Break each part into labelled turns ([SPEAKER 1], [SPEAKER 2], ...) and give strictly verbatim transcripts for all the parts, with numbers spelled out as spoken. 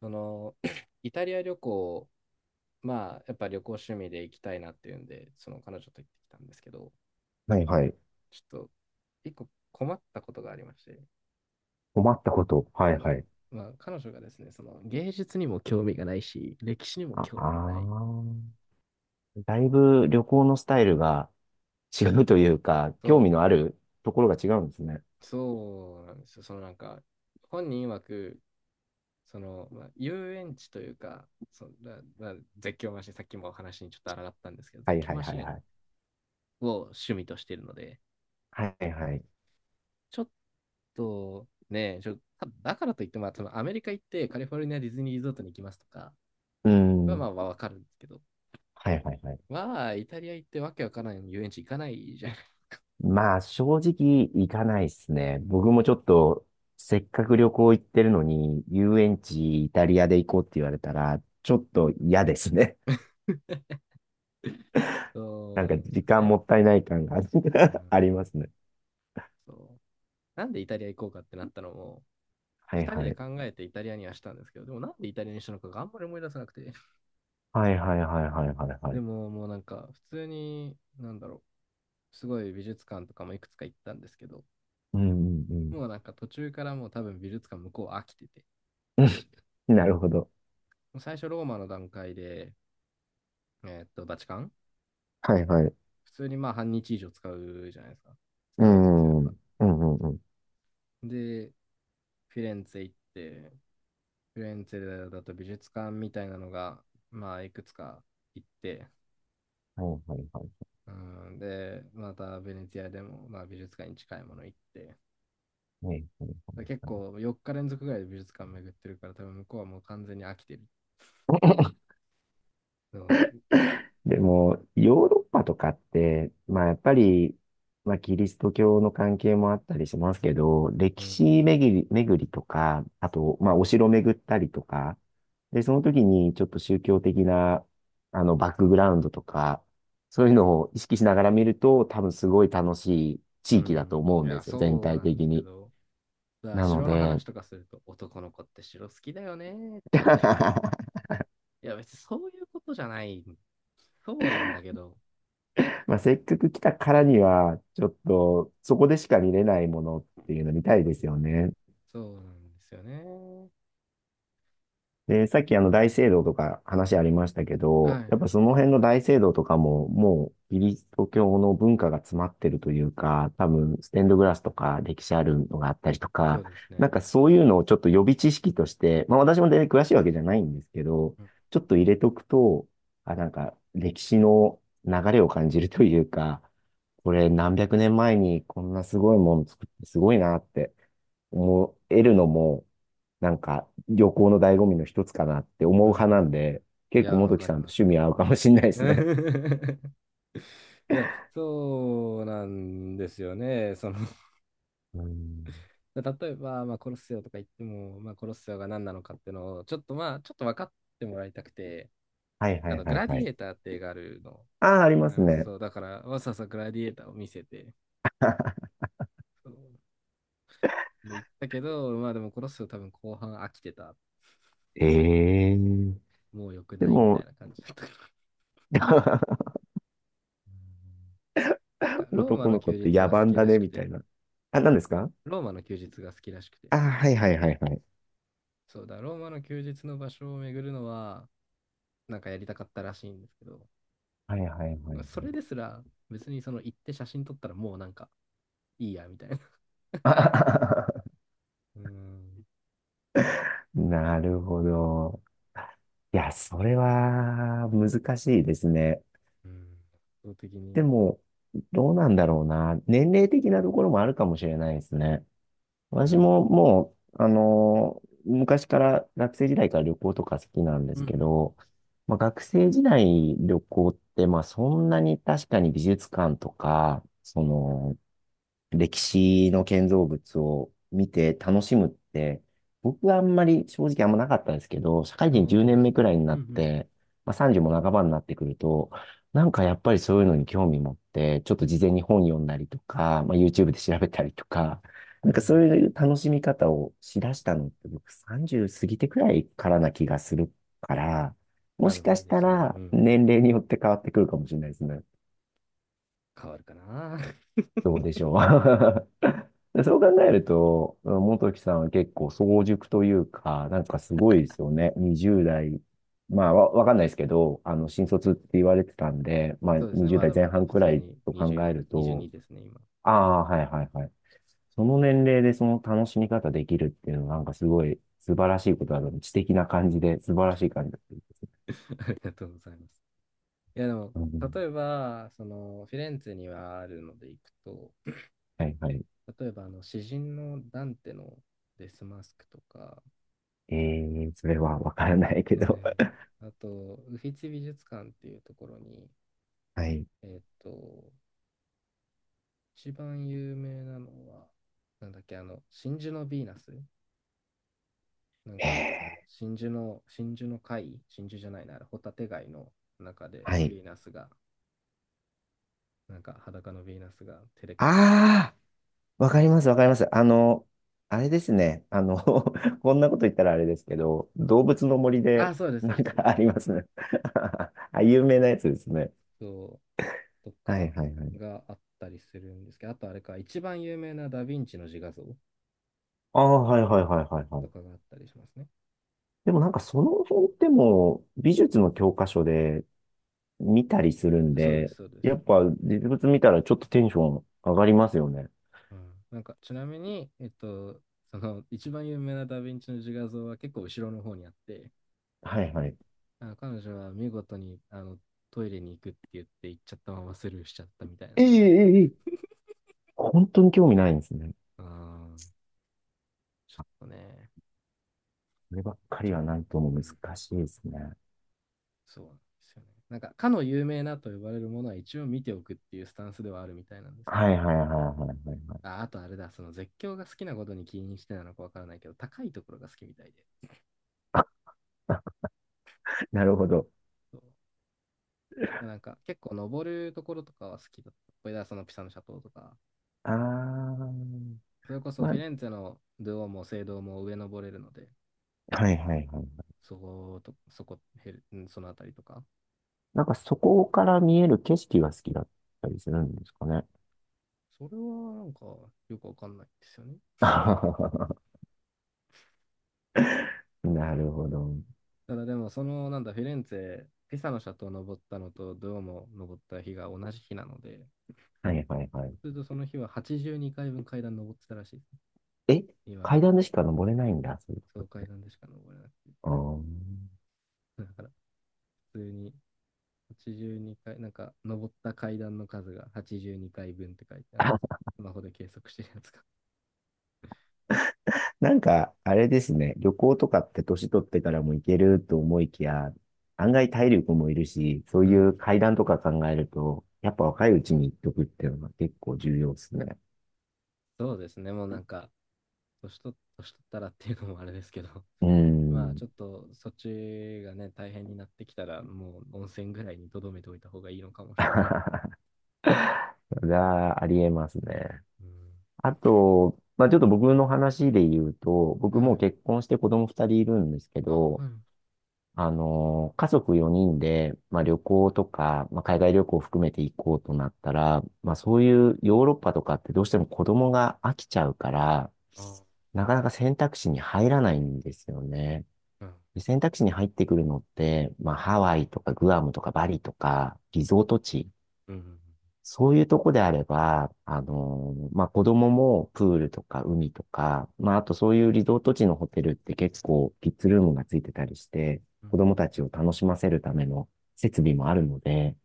[SPEAKER 1] その イタリア旅行、まあ、やっぱ旅行趣味で行きたいなっていうんで、その彼女と行ってきたんですけど、
[SPEAKER 2] はいはい。
[SPEAKER 1] ちょっと一個困ったことがありまして、
[SPEAKER 2] 困ったこと。は
[SPEAKER 1] そ
[SPEAKER 2] いは
[SPEAKER 1] の、
[SPEAKER 2] い。
[SPEAKER 1] まあ、彼女がですね、その芸術にも興味がないし、歴史にも
[SPEAKER 2] あ、
[SPEAKER 1] 興味がない。
[SPEAKER 2] あーだいぶ旅行のスタイルが違うというか、興味
[SPEAKER 1] そ
[SPEAKER 2] のあるところが違うんですね。
[SPEAKER 1] う、そうなんですよ。そのなんか、本人曰く、その、まあ、遊園地というか、そのなな絶叫マシン、さっきもお話にちょっと抗ったんですけど、
[SPEAKER 2] は
[SPEAKER 1] 絶
[SPEAKER 2] い
[SPEAKER 1] 叫
[SPEAKER 2] はい
[SPEAKER 1] マ
[SPEAKER 2] は
[SPEAKER 1] シ
[SPEAKER 2] いは
[SPEAKER 1] ン
[SPEAKER 2] い。
[SPEAKER 1] を趣味としているので、
[SPEAKER 2] はいはい。
[SPEAKER 1] ちょっと、ね、ちょだからといっても、そのアメリカ行ってカリフォルニアディズニーリゾートに行きますとか
[SPEAKER 2] う
[SPEAKER 1] は、ま
[SPEAKER 2] ん。
[SPEAKER 1] あ、まわかるんですけど、
[SPEAKER 2] はいはいはい。
[SPEAKER 1] まあ、イタリア行ってわけわからない遊園地行かないじゃん。
[SPEAKER 2] まあ、正直行かないですね。僕もちょっと、せっかく旅行行ってるのに、遊園地イタリアで行こうって言われたら、ちょっと嫌ですね。な
[SPEAKER 1] そう
[SPEAKER 2] ん
[SPEAKER 1] な
[SPEAKER 2] か
[SPEAKER 1] んです
[SPEAKER 2] 時
[SPEAKER 1] よ
[SPEAKER 2] 間
[SPEAKER 1] ね。
[SPEAKER 2] もったいない感が
[SPEAKER 1] うん、
[SPEAKER 2] ありますね。
[SPEAKER 1] そう。なんでイタリア行こうかってなったのも、
[SPEAKER 2] はい
[SPEAKER 1] ふたり
[SPEAKER 2] は
[SPEAKER 1] で
[SPEAKER 2] い。
[SPEAKER 1] 考えてイタリアにはしたんですけど、でもなんでイタリアにしたのかがあんまり思い出せなくて。
[SPEAKER 2] はいはいはいはいはいは
[SPEAKER 1] で
[SPEAKER 2] い。
[SPEAKER 1] ももうなんか普通に、なんだろう、すごい美術館とかもいくつか行ったんですけど、
[SPEAKER 2] うんうんうん。
[SPEAKER 1] もうなんか途中からもう多分美術館向こう飽きてて、
[SPEAKER 2] なるほど。
[SPEAKER 1] もう最初ローマの段階でえーっと、バチカン
[SPEAKER 2] はいはい。
[SPEAKER 1] 普通にまあ半日以上使うじゃないですか。
[SPEAKER 2] う
[SPEAKER 1] 使うんですよ、やっ
[SPEAKER 2] ん。うん
[SPEAKER 1] ぱ。
[SPEAKER 2] うんうん。
[SPEAKER 1] で、フィレンツェ行って、フィレンツェだと美術館みたいなのが、まあ、いくつか行って、
[SPEAKER 2] はいはいはい。
[SPEAKER 1] うん、で、またベネツィアでも、まあ、美術館に近いもの行って、
[SPEAKER 2] はいはい
[SPEAKER 1] 結
[SPEAKER 2] はい。
[SPEAKER 1] 構よっか連続ぐらいで美術館巡ってるから、多分向こうはもう完全に飽きてる。う
[SPEAKER 2] でも、ヨーロッパとかって、まあやっぱり、まあキリスト教の関係もあったりしますけど、歴
[SPEAKER 1] ん、
[SPEAKER 2] 史巡り、巡りとか、あと、まあお城巡ったりとか、で、その時にちょっと宗教的な、あの、バックグラウンドとか、そういうのを意識しながら見ると、多分すごい楽しい
[SPEAKER 1] う
[SPEAKER 2] 地域だと
[SPEAKER 1] ん。
[SPEAKER 2] 思う
[SPEAKER 1] い
[SPEAKER 2] んで
[SPEAKER 1] や、
[SPEAKER 2] すよ、全
[SPEAKER 1] そう
[SPEAKER 2] 体
[SPEAKER 1] なんで
[SPEAKER 2] 的
[SPEAKER 1] すけ
[SPEAKER 2] に。
[SPEAKER 1] ど、だから
[SPEAKER 2] なの
[SPEAKER 1] 城の
[SPEAKER 2] で、
[SPEAKER 1] 話とかすると、男の子って城好きだよねって言われ いや、別にそういうことじゃない。そうなんだけど、
[SPEAKER 2] まあ、せっかく来たからには、ちょっと、そこでしか見れないものっていうの見たいですよね。
[SPEAKER 1] そうなんですよね。
[SPEAKER 2] で、さっきあの大聖堂とか話ありましたけ
[SPEAKER 1] は
[SPEAKER 2] ど、やっぱ
[SPEAKER 1] い、
[SPEAKER 2] その辺の大聖堂とかももうキリスト教の文化が詰まってるというか、多分ステンドグラスとか歴史あるのがあったりと
[SPEAKER 1] そう
[SPEAKER 2] か、
[SPEAKER 1] です
[SPEAKER 2] なん
[SPEAKER 1] ね。
[SPEAKER 2] かそういうのをちょっと予備知識として、まあ私も全然詳しいわけじゃないんですけど、
[SPEAKER 1] うん
[SPEAKER 2] ちょっと入れとくと、あ、なんか歴史の流れを感じるというか、これ何百年前にこんなすごいもの作ってすごいなって思えるのも、なんか旅行の醍醐味の一つかなって思
[SPEAKER 1] う
[SPEAKER 2] う
[SPEAKER 1] んう
[SPEAKER 2] 派なん
[SPEAKER 1] ん
[SPEAKER 2] で、
[SPEAKER 1] うん。い
[SPEAKER 2] 結構
[SPEAKER 1] や、わ
[SPEAKER 2] 元木
[SPEAKER 1] か
[SPEAKER 2] さ
[SPEAKER 1] り
[SPEAKER 2] んと
[SPEAKER 1] ます、
[SPEAKER 2] 趣
[SPEAKER 1] わか
[SPEAKER 2] 味合
[SPEAKER 1] り
[SPEAKER 2] うか
[SPEAKER 1] ま
[SPEAKER 2] も
[SPEAKER 1] す。
[SPEAKER 2] しれないですね。
[SPEAKER 1] いや、そうなんですよね。その
[SPEAKER 2] うん。
[SPEAKER 1] 例えば、まあ、コロッセオとか言っても、まあ、コロッセオが何なのかっていうのを、ちょっとまあ、ちょっと分かってもらいたくて、
[SPEAKER 2] はいは
[SPEAKER 1] あ
[SPEAKER 2] い
[SPEAKER 1] の、グ
[SPEAKER 2] はい
[SPEAKER 1] ラデ
[SPEAKER 2] は
[SPEAKER 1] ィエ
[SPEAKER 2] い。
[SPEAKER 1] ーターって映画あるの、
[SPEAKER 2] ああ、ありま
[SPEAKER 1] あり
[SPEAKER 2] す
[SPEAKER 1] ます。
[SPEAKER 2] ね。
[SPEAKER 1] そう、だから、わざわざグラディエーターを見せて、そうで、言ったけど、まあでもこの人多分後半飽きてた。
[SPEAKER 2] ええ。
[SPEAKER 1] もう良く
[SPEAKER 2] で
[SPEAKER 1] ないみた
[SPEAKER 2] も、
[SPEAKER 1] いな感じだったから。なんかローマ
[SPEAKER 2] 男
[SPEAKER 1] の
[SPEAKER 2] の子っ
[SPEAKER 1] 休
[SPEAKER 2] て
[SPEAKER 1] 日
[SPEAKER 2] 野
[SPEAKER 1] は好
[SPEAKER 2] 蛮
[SPEAKER 1] き
[SPEAKER 2] だ
[SPEAKER 1] らし
[SPEAKER 2] ね、
[SPEAKER 1] く
[SPEAKER 2] みた
[SPEAKER 1] て、
[SPEAKER 2] いな。あ、何ですか。
[SPEAKER 1] ローマの休日が好きらしくて、
[SPEAKER 2] ああ、はいはいはいはい。
[SPEAKER 1] そうだ、ローマの休日の場所を巡るのは、なんかやりたかったらしいんですけど、
[SPEAKER 2] はいはいはいは
[SPEAKER 1] ま
[SPEAKER 2] い。
[SPEAKER 1] あそれですら別にその行って写真撮ったらもうなんかいいやみたいな。
[SPEAKER 2] あはははは
[SPEAKER 1] うーん。
[SPEAKER 2] なるほど。いや、それは難しいですね。
[SPEAKER 1] うん。圧倒的
[SPEAKER 2] で
[SPEAKER 1] に。
[SPEAKER 2] も、どうなんだろうな。年齢的なところもあるかもしれないですね。
[SPEAKER 1] う
[SPEAKER 2] 私も
[SPEAKER 1] ん。
[SPEAKER 2] もう、あのー昔から学生時代から旅行とか好きなんで
[SPEAKER 1] う
[SPEAKER 2] す
[SPEAKER 1] んう
[SPEAKER 2] け
[SPEAKER 1] ん。
[SPEAKER 2] ど、まあ、学生時代旅行って、まあそんなに確かに美術館とか、その、歴史の建造物を見て楽しむって、僕はあんまり正直あんまなかったんですけど、社会
[SPEAKER 1] あ、
[SPEAKER 2] 人
[SPEAKER 1] 本
[SPEAKER 2] 10
[SPEAKER 1] 当
[SPEAKER 2] 年
[SPEAKER 1] です
[SPEAKER 2] 目
[SPEAKER 1] か。
[SPEAKER 2] くらいにな
[SPEAKER 1] うんう
[SPEAKER 2] っ
[SPEAKER 1] ん。
[SPEAKER 2] て、まあ、さんじゅうも半ばになってくると、なんかやっぱりそういうのに興味持って、ちょっと事前に本読んだりとか、まあ、YouTube で調べたりとか、
[SPEAKER 1] う
[SPEAKER 2] な
[SPEAKER 1] ん
[SPEAKER 2] ん
[SPEAKER 1] う
[SPEAKER 2] か
[SPEAKER 1] ん。
[SPEAKER 2] そういう楽しみ方をしだしたのって僕さんじゅう過ぎてくらいからな気がするから、も
[SPEAKER 1] あ、で
[SPEAKER 2] し
[SPEAKER 1] も
[SPEAKER 2] か
[SPEAKER 1] いい
[SPEAKER 2] し
[SPEAKER 1] で
[SPEAKER 2] た
[SPEAKER 1] すね。うん
[SPEAKER 2] ら
[SPEAKER 1] うん。
[SPEAKER 2] 年齢によって変わってくるかもしれないですね。
[SPEAKER 1] 変わるかな。
[SPEAKER 2] どうでしょう。でそう考えると、元木さんは結構早熟というか、なんかすごいですよね。にじゅうだい代。まあ、わ、わかんないですけど、あの、新卒って言われてたんで、まあ、
[SPEAKER 1] そうですね、まだま
[SPEAKER 2] にじゅうだいぜんはん代前
[SPEAKER 1] だ
[SPEAKER 2] 半
[SPEAKER 1] 普
[SPEAKER 2] くら
[SPEAKER 1] 通
[SPEAKER 2] い
[SPEAKER 1] に
[SPEAKER 2] と考え
[SPEAKER 1] にじゅうよんで、
[SPEAKER 2] ると、
[SPEAKER 1] にじゅうにですね、今。
[SPEAKER 2] ああ、はいはいはい。その年齢でその楽しみ方できるっていうのは、なんかすごい素晴らしいことだと、知的な感じで、素晴らしい感じだと思います。
[SPEAKER 1] ありがとうございます。いや、でも、
[SPEAKER 2] うん、
[SPEAKER 1] 例えば、その、フィレンツェにはあるので行くと、
[SPEAKER 2] はいはい。
[SPEAKER 1] 例えば、あの、詩人のダンテのデスマスクとか、
[SPEAKER 2] えー、それはわからないけど。
[SPEAKER 1] え ーあと、ウフィツィ美術館っていうところに、
[SPEAKER 2] はい。
[SPEAKER 1] えーっと、一番有名なのは、なんだっけ、あの、真珠のヴィーナスなんか、
[SPEAKER 2] え
[SPEAKER 1] 真珠の、真珠の貝真珠じゃないな、あれホタテ貝の中
[SPEAKER 2] ー、
[SPEAKER 1] で
[SPEAKER 2] は
[SPEAKER 1] ヴ
[SPEAKER 2] い。
[SPEAKER 1] ィーナスがなんか裸のヴィーナスが手で隠して、
[SPEAKER 2] ああ。わかります、わかります。あの、あれですね。あの、こんなこと言ったらあれですけど、動物の森
[SPEAKER 1] あ、
[SPEAKER 2] で、
[SPEAKER 1] そうです、そう
[SPEAKER 2] な
[SPEAKER 1] で
[SPEAKER 2] ん
[SPEAKER 1] す、
[SPEAKER 2] か
[SPEAKER 1] そうで
[SPEAKER 2] あ
[SPEAKER 1] す。
[SPEAKER 2] りますね。あ、有名なやつですね。
[SPEAKER 1] そう、と
[SPEAKER 2] はい
[SPEAKER 1] か
[SPEAKER 2] はいはい。
[SPEAKER 1] があったりするんですけど、あとあれか、一番有名なダヴィンチの自画像
[SPEAKER 2] ああ、はいはいはいはいは
[SPEAKER 1] と
[SPEAKER 2] い。
[SPEAKER 1] かがあったりしますね。
[SPEAKER 2] でもなんかその辺ってもう美術の教科書で見たりするん
[SPEAKER 1] そうです、
[SPEAKER 2] で、
[SPEAKER 1] そうです。
[SPEAKER 2] やっぱ実物見たらちょっとテンション上がりますよね。
[SPEAKER 1] うん、なんかちなみに、えっと、その一番有名なダ・ヴィンチの自画像は結構後ろの方にあって、
[SPEAKER 2] はいはい。
[SPEAKER 1] あの彼女は見事にあのトイレに行くって言って行っちゃったままスルーしちゃったみたいな
[SPEAKER 2] ええ
[SPEAKER 1] の
[SPEAKER 2] え
[SPEAKER 1] で、
[SPEAKER 2] えええ本当に興味ないんですね。
[SPEAKER 1] あーちょっとね、
[SPEAKER 2] こればっか
[SPEAKER 1] ち
[SPEAKER 2] り
[SPEAKER 1] ょっ
[SPEAKER 2] はなんとも
[SPEAKER 1] と、うん、
[SPEAKER 2] 難しいですね。
[SPEAKER 1] そうなんですよね。なんか、かの有名なと呼ばれるものは一応見ておくっていうスタンスではあるみたいなんですけど。
[SPEAKER 2] はいはいはいはいはいはい。
[SPEAKER 1] あ、あとあれだ、その絶叫が好きなことに起因してなのかわからないけど、高いところが好きみたいで。
[SPEAKER 2] なるほど。
[SPEAKER 1] そうなんか、結構登るところとかは好きだった。これだ、そのピサの斜塔とか。
[SPEAKER 2] ああ、
[SPEAKER 1] それこそ
[SPEAKER 2] ま
[SPEAKER 1] フ
[SPEAKER 2] あ、
[SPEAKER 1] ィレンツェのドゥオも聖堂も上登れるので、
[SPEAKER 2] はいはいはい。
[SPEAKER 1] そこと、そこ、ヘルそのあたりとか。
[SPEAKER 2] なんかそこから見える景色が好きだったりするんですかね。
[SPEAKER 1] それはなんかよくわかんないですよね。
[SPEAKER 2] なるほど。
[SPEAKER 1] ただでも、その、なんだ、フィレンツェ、ピサの斜塔登ったのと、ドゥオモ登った日が同じ日なので、
[SPEAKER 2] はいはいはい。
[SPEAKER 1] それとその日ははちじゅうにかいぶん階段登ってたらしいですね。
[SPEAKER 2] え、
[SPEAKER 1] 今
[SPEAKER 2] 階
[SPEAKER 1] 見る。
[SPEAKER 2] 段でしか登れないんだ、そういうと
[SPEAKER 1] そ
[SPEAKER 2] こっ
[SPEAKER 1] う階
[SPEAKER 2] て。
[SPEAKER 1] 段でしか登れない。
[SPEAKER 2] あー
[SPEAKER 1] だから、普通にはちじゅうにかい、なんか、登った階段の数がはちじゅうにかいぶんって書いて、あの、
[SPEAKER 2] あ、
[SPEAKER 1] スマホで計測してるやつが。
[SPEAKER 2] なんか、あれですね。旅行とかって年取ってからも行けると思いきや、案外体力もいるし、そう
[SPEAKER 1] う
[SPEAKER 2] いう
[SPEAKER 1] ん。
[SPEAKER 2] 階段とか考えると、やっぱ若いうちに行っとくっていうのが結構重要ですね。
[SPEAKER 1] そうですね、もうなんか、年取年取ったらっていうのもあれですけど、
[SPEAKER 2] うー
[SPEAKER 1] まあ
[SPEAKER 2] ん。
[SPEAKER 1] ちょっとそっちがね、大変になってきたら、もう温泉ぐらいにとどめておいた方がいいのかもしれない。
[SPEAKER 2] がありえますね。
[SPEAKER 1] うん。
[SPEAKER 2] あと、まあ、ちょっと僕の話で言うと、
[SPEAKER 1] う
[SPEAKER 2] 僕もう
[SPEAKER 1] ん。
[SPEAKER 2] 結婚して子供ふたりいるんですけ
[SPEAKER 1] あ、
[SPEAKER 2] ど、
[SPEAKER 1] はい。
[SPEAKER 2] あの、家族よにんで、まあ、旅行とか、まあ、海外旅行を含めて行こうとなったら、まあ、そういうヨーロッパとかってどうしても子供が飽きちゃうから、
[SPEAKER 1] あ
[SPEAKER 2] なかなか選択肢に入らないんですよね。
[SPEAKER 1] うん。
[SPEAKER 2] で選択肢に入ってくるのって、まあ、ハワイとかグアムとかバリとか、リゾート地、
[SPEAKER 1] うん。うん
[SPEAKER 2] そういうとこであれば、あのーまあ、子供もプールとか海とか、まあ、あとそういうリゾート地のホテルって結構キッズルームがついてたりして、
[SPEAKER 1] うんう
[SPEAKER 2] 子
[SPEAKER 1] ん
[SPEAKER 2] 供たちを楽しませるための設備もあるので、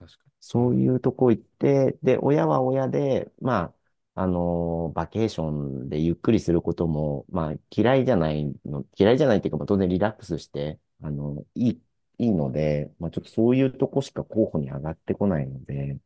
[SPEAKER 1] 確かに。う
[SPEAKER 2] そう
[SPEAKER 1] ん。
[SPEAKER 2] いうとこ行って、で、親は親で、まあ、あのーバケーションでゆっくりすることも、まあ、嫌いじゃないの、嫌いじゃないっていうか、まあ、当然リラックスして、あの、いい、いいので、まあ、ちょっとそういうとこしか候補に上がってこないので、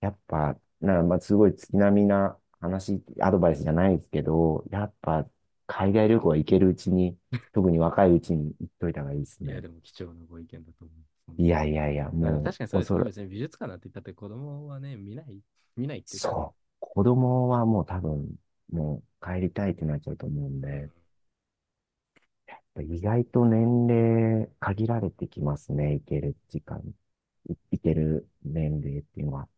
[SPEAKER 2] やっぱ、な、まあ、すごい月並みな話、アドバイスじゃないですけど、やっぱ、海外旅行は行けるうちに、特に若いうちに行っといた方がいいです
[SPEAKER 1] いや、
[SPEAKER 2] ね。
[SPEAKER 1] でも貴重なご意見だと思います。本
[SPEAKER 2] い
[SPEAKER 1] 当に
[SPEAKER 2] やいやいや、
[SPEAKER 1] まあでも
[SPEAKER 2] も
[SPEAKER 1] 確かに
[SPEAKER 2] う、
[SPEAKER 1] そうですよ
[SPEAKER 2] 恐
[SPEAKER 1] ね。
[SPEAKER 2] れ、
[SPEAKER 1] 別に美術館なんて言ったって子供はね、見ない、見ないっていうか。
[SPEAKER 2] そう。子供はもう多分、もう帰りたいってなっちゃうと思うん
[SPEAKER 1] うん。
[SPEAKER 2] で、意外と年齢限られてきますね、行ける時間、い行ける年齢っていうのは。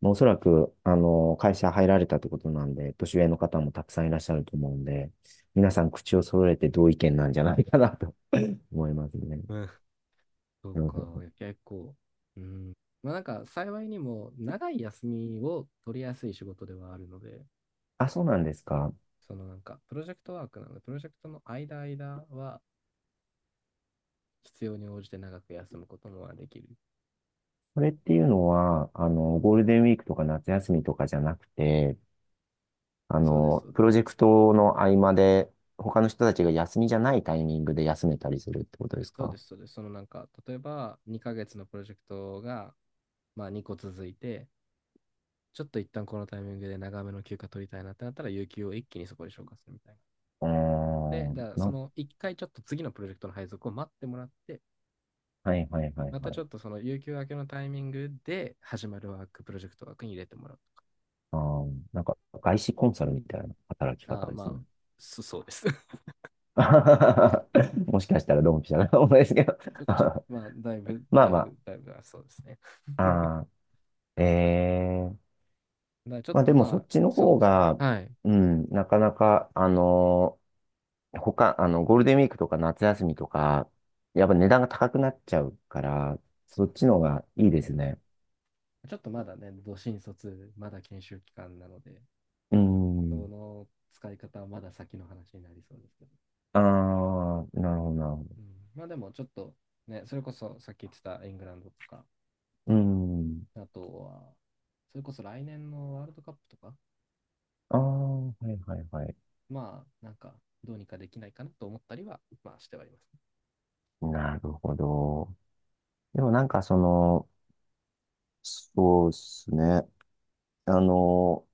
[SPEAKER 2] まあおそらく、あの、会社入られたってことなんで、年上の方もたくさんいらっしゃると思うんで、皆さん口を揃えて同意見なんじゃないかなと 思いますね。
[SPEAKER 1] うんそう
[SPEAKER 2] う
[SPEAKER 1] か。い
[SPEAKER 2] ん。
[SPEAKER 1] や結構。うん。まあなんか幸いにも長い休みを取りやすい仕事ではあるので、
[SPEAKER 2] あ、そうなんですか。
[SPEAKER 1] そのなんかプロジェクトワークなので、プロジェクトの間間は必要に応じて長く休むこともできる。
[SPEAKER 2] これっていうのは、あの、ゴールデンウィークとか夏休みとかじゃなくて、あ
[SPEAKER 1] そうです、
[SPEAKER 2] の、
[SPEAKER 1] そう
[SPEAKER 2] プ
[SPEAKER 1] で
[SPEAKER 2] ロジェ
[SPEAKER 1] す。
[SPEAKER 2] クトの合間で、他の人たちが休みじゃないタイミングで休めたりするってことです
[SPEAKER 1] そうで
[SPEAKER 2] か。
[SPEAKER 1] す、そうです。そのなんか、例えばにかげつのプロジェクトが、まあ、にこ続いて、ちょっと一旦このタイミングで長めの休暇取りたいなってなったら、有給を一気にそこで消化するみたいな。
[SPEAKER 2] うー
[SPEAKER 1] で、
[SPEAKER 2] ん、
[SPEAKER 1] だからそ
[SPEAKER 2] な、
[SPEAKER 1] のいっかいちょっと次のプロジェクトの配属を待ってもらって、
[SPEAKER 2] はいはいはい
[SPEAKER 1] ま
[SPEAKER 2] は
[SPEAKER 1] たち
[SPEAKER 2] い。
[SPEAKER 1] ょっとその有給明けのタイミングで始まるワーク、プロジェクト枠に入れてもらうとか。
[SPEAKER 2] あー、なんか、外資コンサルみたいな働き方
[SPEAKER 1] あー
[SPEAKER 2] で
[SPEAKER 1] ま
[SPEAKER 2] す
[SPEAKER 1] あ、
[SPEAKER 2] ね。
[SPEAKER 1] そそうです。
[SPEAKER 2] もしかしたらドンピシャな かもですけど。
[SPEAKER 1] ちょ、ちょっと、まあ、だい ぶ、
[SPEAKER 2] まあ
[SPEAKER 1] だい
[SPEAKER 2] まあ。
[SPEAKER 1] ぶ、だいぶ、あそうですね。だか
[SPEAKER 2] あーえー
[SPEAKER 1] らちょっ
[SPEAKER 2] まあ
[SPEAKER 1] と
[SPEAKER 2] でも
[SPEAKER 1] ま
[SPEAKER 2] そっ
[SPEAKER 1] あ、
[SPEAKER 2] ちの
[SPEAKER 1] そう
[SPEAKER 2] 方
[SPEAKER 1] ですね。
[SPEAKER 2] が、
[SPEAKER 1] はい。
[SPEAKER 2] うん、なかなか、あのー他、あの、ゴールデンウィークとか夏休みとか、やっぱ値段が高くなっちゃうから、
[SPEAKER 1] そ
[SPEAKER 2] そ
[SPEAKER 1] うな
[SPEAKER 2] っ
[SPEAKER 1] んで
[SPEAKER 2] ち
[SPEAKER 1] すよ。
[SPEAKER 2] の方がいい
[SPEAKER 1] う
[SPEAKER 2] で
[SPEAKER 1] ん。
[SPEAKER 2] すね。
[SPEAKER 1] ちょっとまだね、ど新卒、まだ研修期間なので、
[SPEAKER 2] う
[SPEAKER 1] そ
[SPEAKER 2] ん。
[SPEAKER 1] の使い方はまだ先の話になりそうですけど。
[SPEAKER 2] ああ、なるほど、なるほど。
[SPEAKER 1] うん、まあでもちょっとね、それこそさっき言ってたイングランドとか、
[SPEAKER 2] うん。
[SPEAKER 1] あとは、それこそ来年のワールドカップとか、
[SPEAKER 2] ああ、はいはいはい。
[SPEAKER 1] まあなんかどうにかできないかなと思ったりは、まあしてはいます、ね
[SPEAKER 2] なるほど。でもなんかその、そうですね。あの、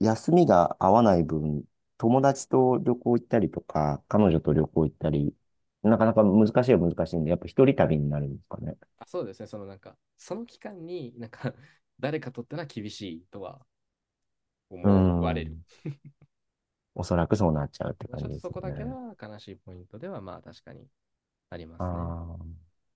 [SPEAKER 2] 休みが合わない分、友達と旅行行ったりとか、彼女と旅行行ったり、なかなか難しいは難しいんで、やっぱ一人旅になるんですかね。
[SPEAKER 1] あそうですね、そのなんか、その期間になんか 誰かとってのは厳しいとは
[SPEAKER 2] う
[SPEAKER 1] 思われる。
[SPEAKER 2] ん。おそらくそうなっちゃうって
[SPEAKER 1] ち
[SPEAKER 2] 感
[SPEAKER 1] ょ
[SPEAKER 2] じ
[SPEAKER 1] っと
[SPEAKER 2] です
[SPEAKER 1] そ
[SPEAKER 2] よ
[SPEAKER 1] こだけ
[SPEAKER 2] ね。
[SPEAKER 1] は悲しいポイントではまあ確かにありますね。
[SPEAKER 2] ああ。